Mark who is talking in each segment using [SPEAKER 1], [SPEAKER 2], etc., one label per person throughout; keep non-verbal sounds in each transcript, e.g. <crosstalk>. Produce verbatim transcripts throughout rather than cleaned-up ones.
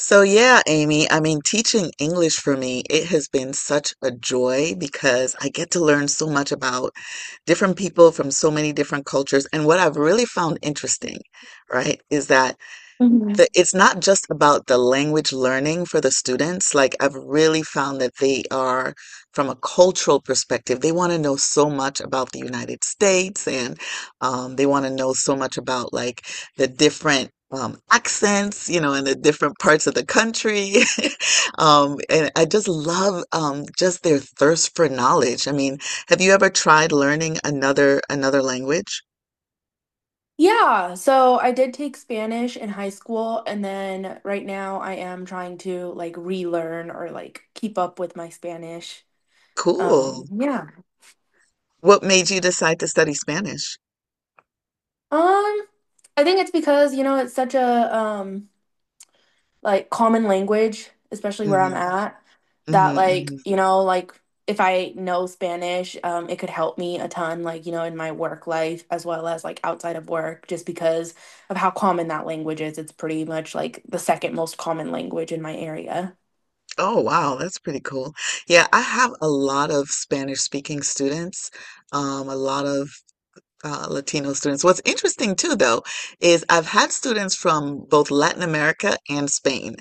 [SPEAKER 1] So, yeah, Amy, I mean, teaching English for me, it has been such a joy because I get to learn so much about different people from so many different cultures. And what I've really found interesting, right, is that
[SPEAKER 2] Mhm.
[SPEAKER 1] the, it's not just about the language learning for the students. Like I've really found that they are, from a cultural perspective, they want to know so much about the United States and um, they want to know so much about like the different um, accents, you know, and the different parts of the country. <laughs> Um, and I just love um, just their thirst for knowledge. I mean, have you ever tried learning another another language?
[SPEAKER 2] Yeah, so I did take Spanish in high school, and then right now I am trying to like relearn or like keep up with my Spanish.
[SPEAKER 1] Cool.
[SPEAKER 2] Um, yeah.
[SPEAKER 1] What made you decide to study Spanish?
[SPEAKER 2] Um, I think it's because, you know, it's such a um like common language, especially where I'm
[SPEAKER 1] Mm-hmm.
[SPEAKER 2] at, that
[SPEAKER 1] Mhm,
[SPEAKER 2] like,
[SPEAKER 1] mhm.
[SPEAKER 2] you know, like if I know Spanish, um, it could help me a ton, like, you know, in my work life as well as like outside of work, just because of how common that language is. It's pretty much like the second most common language in my area.
[SPEAKER 1] Oh, wow, that's pretty cool. Yeah, I have a lot of Spanish speaking students, um, a lot of uh, Latino students. What's interesting too, though, is I've had students from both Latin America and Spain,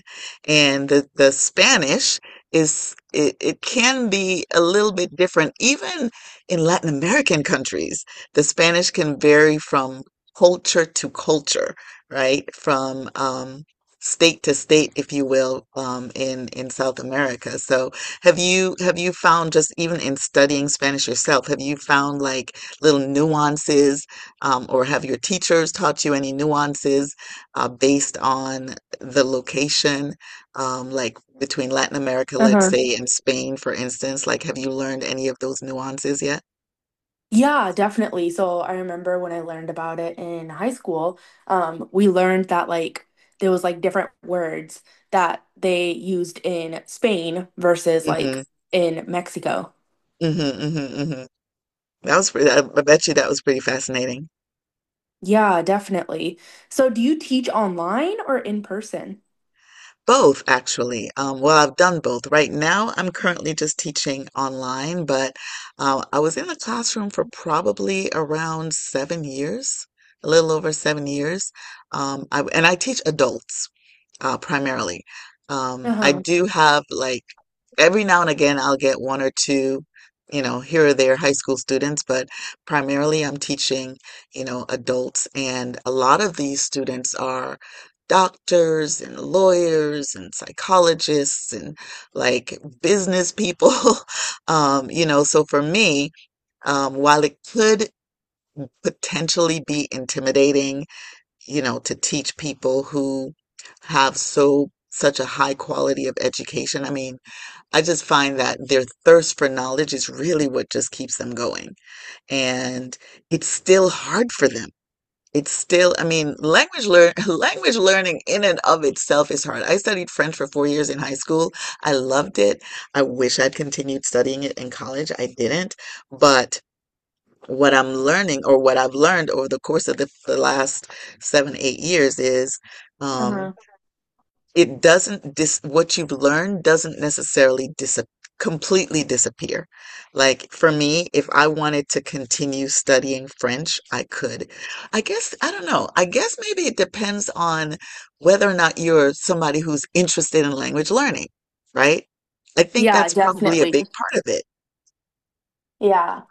[SPEAKER 1] and the, the Spanish is it, it can be a little bit different. Even in Latin American countries, the Spanish can vary from culture to culture, right? From um, state to state, if you will, um, in in South America. So, have you have you found just even in studying Spanish yourself, have you found like little nuances, um, or have your teachers taught you any nuances uh, based on the location, um, like between Latin America, let's
[SPEAKER 2] Uh-huh.
[SPEAKER 1] say, and Spain, for instance? Like, have you learned any of those nuances yet?
[SPEAKER 2] Yeah, definitely. So I remember when I learned about it in high school, um, we learned that like there was like different words that they used in Spain versus
[SPEAKER 1] Mm-hmm.
[SPEAKER 2] like in Mexico.
[SPEAKER 1] Mm-hmm. Mm-hmm. Mm-hmm. That was pretty, I I bet you that was pretty fascinating.
[SPEAKER 2] Yeah, definitely. So do you teach online or in person?
[SPEAKER 1] Both, actually. Um, well, I've done both. Right now, I'm currently just teaching online, but uh, I was in the classroom for probably around seven years, a little over seven years. Um, I, and I teach adults uh, primarily. Um, I
[SPEAKER 2] Uh-huh.
[SPEAKER 1] do have like every now and again I'll get one or two, you know, here or there high school students, but primarily I'm teaching, you know, adults, and a lot of these students are doctors and lawyers and psychologists and like business people. <laughs> Um, you know, so for me, um, while it could potentially be intimidating, you know, to teach people who have so such a high quality of education. I mean, I just find that their thirst for knowledge is really what just keeps them going. And it's still hard for them. It's still, I mean, language learn <laughs> language learning in and of itself is hard. I studied French for four years in high school. I loved it. I wish I'd continued studying it in college. I didn't, but what I'm learning or what I've learned over the course of the, the last seven, eight years is um,
[SPEAKER 2] Uh-huh.
[SPEAKER 1] it doesn't dis what you've learned doesn't necessarily dis completely disappear. Like for me, if I wanted to continue studying French, I could. I guess, I don't know. I guess maybe it depends on whether or not you're somebody who's interested in language learning, right? I think
[SPEAKER 2] Yeah,
[SPEAKER 1] that's probably a
[SPEAKER 2] definitely.
[SPEAKER 1] big part of it.
[SPEAKER 2] Yeah.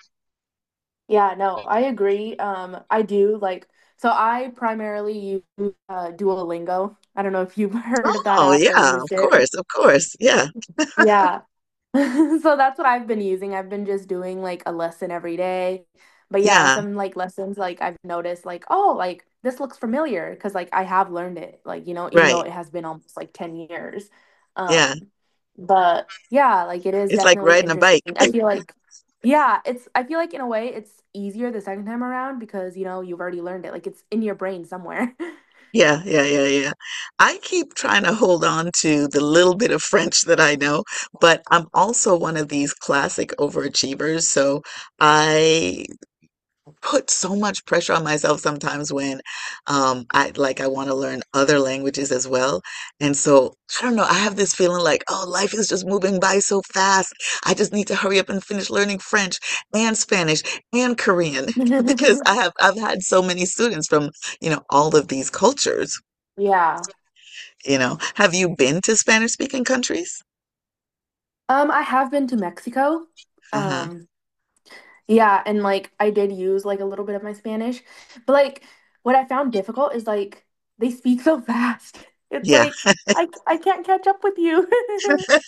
[SPEAKER 2] Yeah, no, I agree. Um, I do like, so I primarily use uh Duolingo. I don't know if you've <laughs> heard of that
[SPEAKER 1] Oh,
[SPEAKER 2] app or
[SPEAKER 1] yeah,
[SPEAKER 2] used
[SPEAKER 1] of
[SPEAKER 2] it.
[SPEAKER 1] course, of course. Yeah,
[SPEAKER 2] Yeah. <laughs> So that's what I've been using. I've been just doing like a lesson every day. But yeah,
[SPEAKER 1] yeah,
[SPEAKER 2] some like lessons like I've noticed like, oh, like this looks familiar because like I have learned it, like, you know, even though
[SPEAKER 1] right.
[SPEAKER 2] it has been almost like ten years.
[SPEAKER 1] Yeah,
[SPEAKER 2] Um, but yeah, like it is
[SPEAKER 1] it's like
[SPEAKER 2] definitely
[SPEAKER 1] riding a
[SPEAKER 2] interesting.
[SPEAKER 1] bike.
[SPEAKER 2] I
[SPEAKER 1] <laughs>
[SPEAKER 2] feel like, yeah, it's I feel like in a way it's easier the second time around because, you know, you've already learned it. Like it's in your brain somewhere. <laughs>
[SPEAKER 1] Yeah, yeah, yeah, yeah. I keep trying to hold on to the little bit of French that I know, but I'm also one of these classic overachievers. So I put so much pressure on myself sometimes when um I like I want to learn other languages as well. And so I don't know, I have this feeling like, oh, life is just moving by so fast. I just need to hurry up and finish learning French and Spanish and Korean <laughs> because I
[SPEAKER 2] <laughs>
[SPEAKER 1] have I've had so many students from, you know, all of these cultures,
[SPEAKER 2] Yeah.
[SPEAKER 1] you know. Have you been to Spanish speaking countries?
[SPEAKER 2] Um, I have been to Mexico.
[SPEAKER 1] Uh-huh.
[SPEAKER 2] Um, Yeah, and like I did use like a little bit of my Spanish, but like what I found difficult is like they speak so fast. <laughs> It's
[SPEAKER 1] Yeah.
[SPEAKER 2] like I I can't catch up with you. <laughs>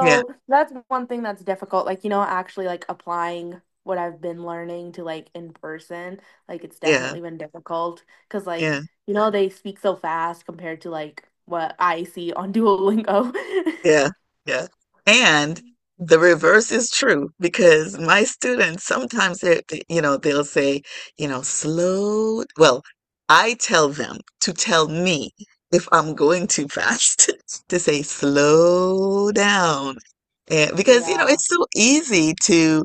[SPEAKER 1] Yeah.
[SPEAKER 2] that's one thing that's difficult. Like, you know, actually like applying what I've been learning to like in person, like it's
[SPEAKER 1] Yeah.
[SPEAKER 2] definitely been difficult because like,
[SPEAKER 1] Yeah.
[SPEAKER 2] you know, they speak so fast compared to like what I see on Duolingo.
[SPEAKER 1] Yeah, yeah. And the reverse is true because my students sometimes they, they- you know, they'll say, you know, slow. Well, I tell them to tell me if I'm going too fast <laughs> to say slow down. And
[SPEAKER 2] <laughs>
[SPEAKER 1] because, you know,
[SPEAKER 2] Yeah.
[SPEAKER 1] it's so easy to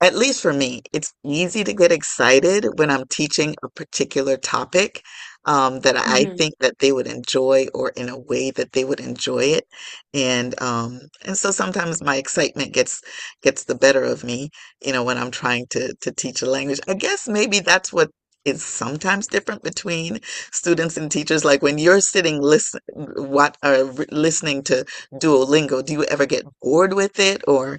[SPEAKER 1] at least for me, it's easy to get excited when I'm teaching a particular topic um, that I
[SPEAKER 2] Mhm.
[SPEAKER 1] think that they would enjoy or in a way that they would enjoy it. And um, and so sometimes my excitement gets gets the better of me, you know, when I'm trying to to teach a language. I guess maybe that's what is sometimes different between students and teachers. Like when you're sitting listen what or re- listening to Duolingo, do you ever get bored with it or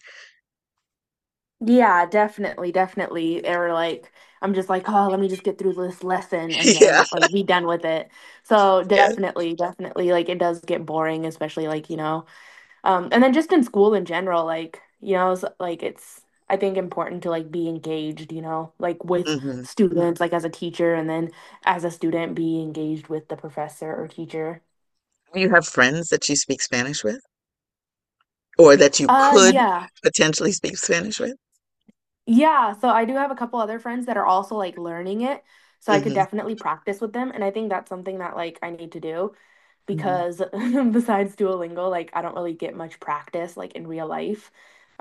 [SPEAKER 2] Yeah, definitely, definitely. They were like, I'm just like, oh, let me just get through this lesson and
[SPEAKER 1] <laughs> yeah,
[SPEAKER 2] then like be done with it. So
[SPEAKER 1] yeah.
[SPEAKER 2] definitely, definitely, like it does get boring, especially like, you know, um, and then just in school in general, like, you know, s- like it's I think important to like be engaged, you know, like with
[SPEAKER 1] Mhm.
[SPEAKER 2] students, like as a teacher, and then as a student, be engaged with the professor or teacher.
[SPEAKER 1] Do you have friends that you speak Spanish with, or that you
[SPEAKER 2] Uh,
[SPEAKER 1] could
[SPEAKER 2] yeah.
[SPEAKER 1] potentially speak Spanish with?
[SPEAKER 2] Yeah, so I do have a couple other friends that are also like learning it, so I could
[SPEAKER 1] Hmm.
[SPEAKER 2] definitely practice with them, and I think that's something that like I need to do
[SPEAKER 1] Hmm.
[SPEAKER 2] because <laughs> besides Duolingo, like I don't really get much practice like in real life.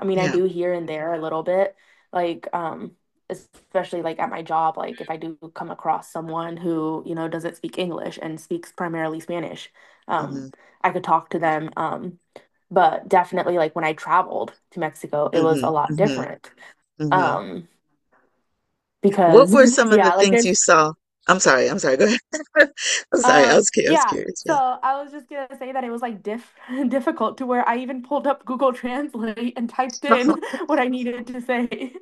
[SPEAKER 2] I mean, I
[SPEAKER 1] Yeah.
[SPEAKER 2] do here and there a little bit, like um especially like at my job, like if I do come across someone who, you know, doesn't speak English and speaks primarily Spanish,
[SPEAKER 1] Hmm.
[SPEAKER 2] um I could talk to them um but definitely like when I traveled to Mexico, it
[SPEAKER 1] Hmm.
[SPEAKER 2] was a lot
[SPEAKER 1] Hmm.
[SPEAKER 2] different.
[SPEAKER 1] Hmm.
[SPEAKER 2] Um,
[SPEAKER 1] What
[SPEAKER 2] because
[SPEAKER 1] were
[SPEAKER 2] <laughs>
[SPEAKER 1] some of the
[SPEAKER 2] yeah, like
[SPEAKER 1] things you
[SPEAKER 2] there's
[SPEAKER 1] saw? I'm sorry. I'm sorry. Go ahead. <laughs> I'm sorry. I
[SPEAKER 2] um
[SPEAKER 1] was, cu- I was
[SPEAKER 2] yeah.
[SPEAKER 1] curious.
[SPEAKER 2] So I was just gonna say that it was like diff <laughs> difficult to where I even pulled up Google Translate and typed
[SPEAKER 1] Yeah. <laughs>
[SPEAKER 2] in <laughs> what I needed to say. <laughs>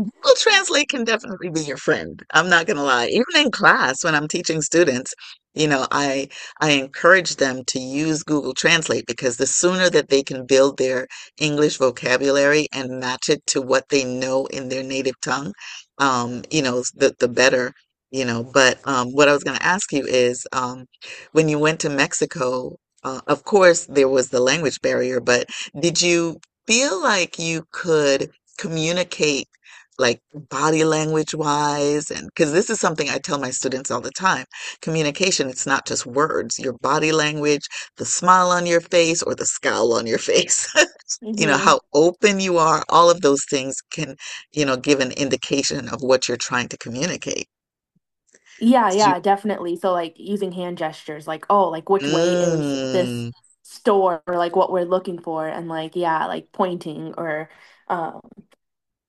[SPEAKER 1] Google Translate can definitely be your friend. I'm not going to lie. Even in class, when I'm teaching students, you know, I I encourage them to use Google Translate because the sooner that they can build their English vocabulary and match it to what they know in their native tongue, um, you know, s- the the better, you know. But um, what I was going to ask you is, um, when you went to Mexico, uh, of course there was the language barrier, but did you feel like you could communicate? Like body language wise and because this is something I tell my students all the time. Communication, it's not just words. Your body language, the smile on your face or the scowl on your face. <laughs> You know,
[SPEAKER 2] Hmm.
[SPEAKER 1] how open you are, all of those things can, you know, give an indication of what you're trying to communicate.
[SPEAKER 2] Yeah,
[SPEAKER 1] Did
[SPEAKER 2] yeah, definitely. So like using hand gestures, like, oh, like
[SPEAKER 1] you,
[SPEAKER 2] which way is this
[SPEAKER 1] mm,
[SPEAKER 2] store or like what we're looking for and like yeah, like pointing or um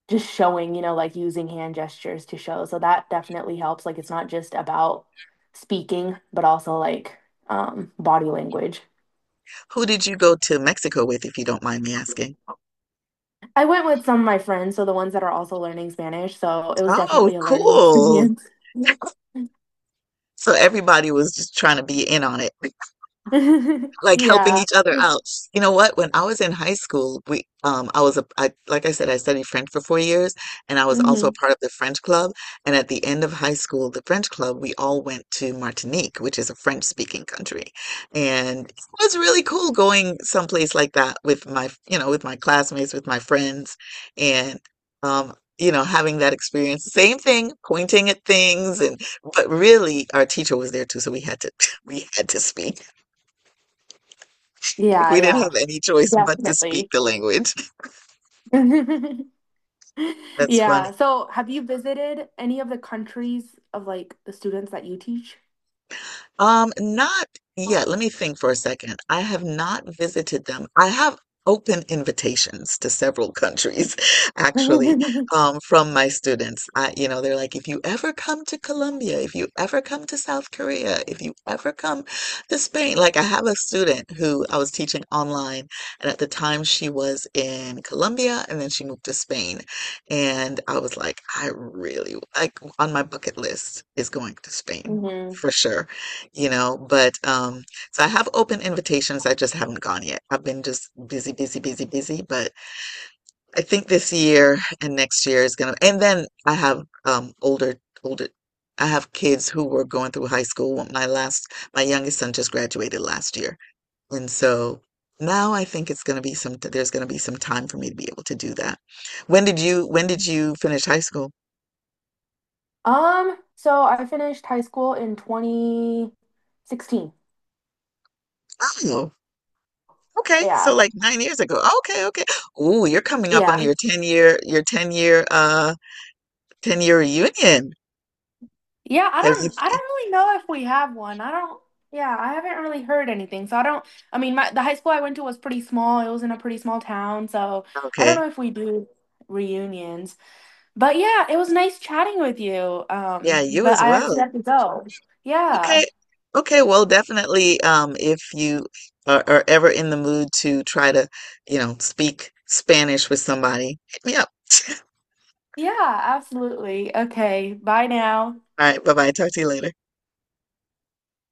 [SPEAKER 2] just showing, you know, like using hand gestures to show. So that definitely helps. Like it's not just about speaking, but also like um body language.
[SPEAKER 1] who did you go to Mexico with, if you don't mind me asking?
[SPEAKER 2] I went with some of my friends, so the ones that are also learning Spanish, so it was
[SPEAKER 1] Oh,
[SPEAKER 2] definitely a learning
[SPEAKER 1] cool.
[SPEAKER 2] experience.
[SPEAKER 1] <laughs> So everybody was just trying to be in on it.
[SPEAKER 2] <laughs>
[SPEAKER 1] Like helping
[SPEAKER 2] Yeah.
[SPEAKER 1] each other out. You know what? When I was in high school, we um I was a I like I said, I studied French for four years and I was also a
[SPEAKER 2] Hmm.
[SPEAKER 1] part of the French club. And at the end of high school, the French club, we all went to Martinique, which is a French speaking country. And it was really cool going someplace like that with my, you know, with my classmates, with my friends and um you know, having that experience, same thing, pointing at things, and but really, our teacher was there too, so we had to <laughs> we had to speak. Like
[SPEAKER 2] Yeah,
[SPEAKER 1] we didn't
[SPEAKER 2] yeah.
[SPEAKER 1] have any choice but to speak
[SPEAKER 2] Definitely.
[SPEAKER 1] the language.
[SPEAKER 2] <laughs> <laughs>
[SPEAKER 1] <laughs> That's funny.
[SPEAKER 2] Yeah. So have you visited any of the countries of like the students that you teach?
[SPEAKER 1] Um, not yet. Let me think for a second. I have not visited them. I have open invitations to several countries, <laughs> actually,
[SPEAKER 2] <laughs>
[SPEAKER 1] um, from my students. I, you know, they're like, if you ever come to Colombia, if you ever come to South Korea, if you ever come to Spain. Like, I have a student who I was teaching online, and at the time she was in Colombia, and then she moved to Spain. And I was like, I really, like, on my bucket list is going to Spain
[SPEAKER 2] Hmm.
[SPEAKER 1] for sure, you know, but um, so I have open invitations. I just haven't gone yet. I've been just busy, busy, busy, busy. But I think this year and next year is gonna, and then I have um older, older, I have kids who were going through high school. My last, my youngest son just graduated last year, and so now I think it's gonna be some, there's gonna be some time for me to be able to do that. When did you, when did you finish high school?
[SPEAKER 2] Um, so I finished high school in twenty sixteen.
[SPEAKER 1] Oh. Okay, so
[SPEAKER 2] Yeah.
[SPEAKER 1] like nine years ago. Okay, okay. Ooh, you're coming up
[SPEAKER 2] Yeah.
[SPEAKER 1] on
[SPEAKER 2] Mm.
[SPEAKER 1] your ten year, your ten year, uh, ten year reunion.
[SPEAKER 2] Yeah, I
[SPEAKER 1] Have you?
[SPEAKER 2] don't I don't really know if we have one. I don't Yeah, I haven't really heard anything. So I don't I mean my the high school I went to was pretty small. It was in a pretty small town, so I don't
[SPEAKER 1] Okay.
[SPEAKER 2] know if we do reunions. But yeah, it was nice chatting with you.
[SPEAKER 1] Yeah,
[SPEAKER 2] Um,
[SPEAKER 1] you
[SPEAKER 2] but
[SPEAKER 1] as
[SPEAKER 2] I actually
[SPEAKER 1] well.
[SPEAKER 2] have to go. Yeah.
[SPEAKER 1] Okay. Okay. Well, definitely, um, if you are, are ever in the mood to try to, you know, speak Spanish with somebody, hit me up.
[SPEAKER 2] Yeah, absolutely. Okay, bye now.
[SPEAKER 1] All right. Bye bye. Talk to you later.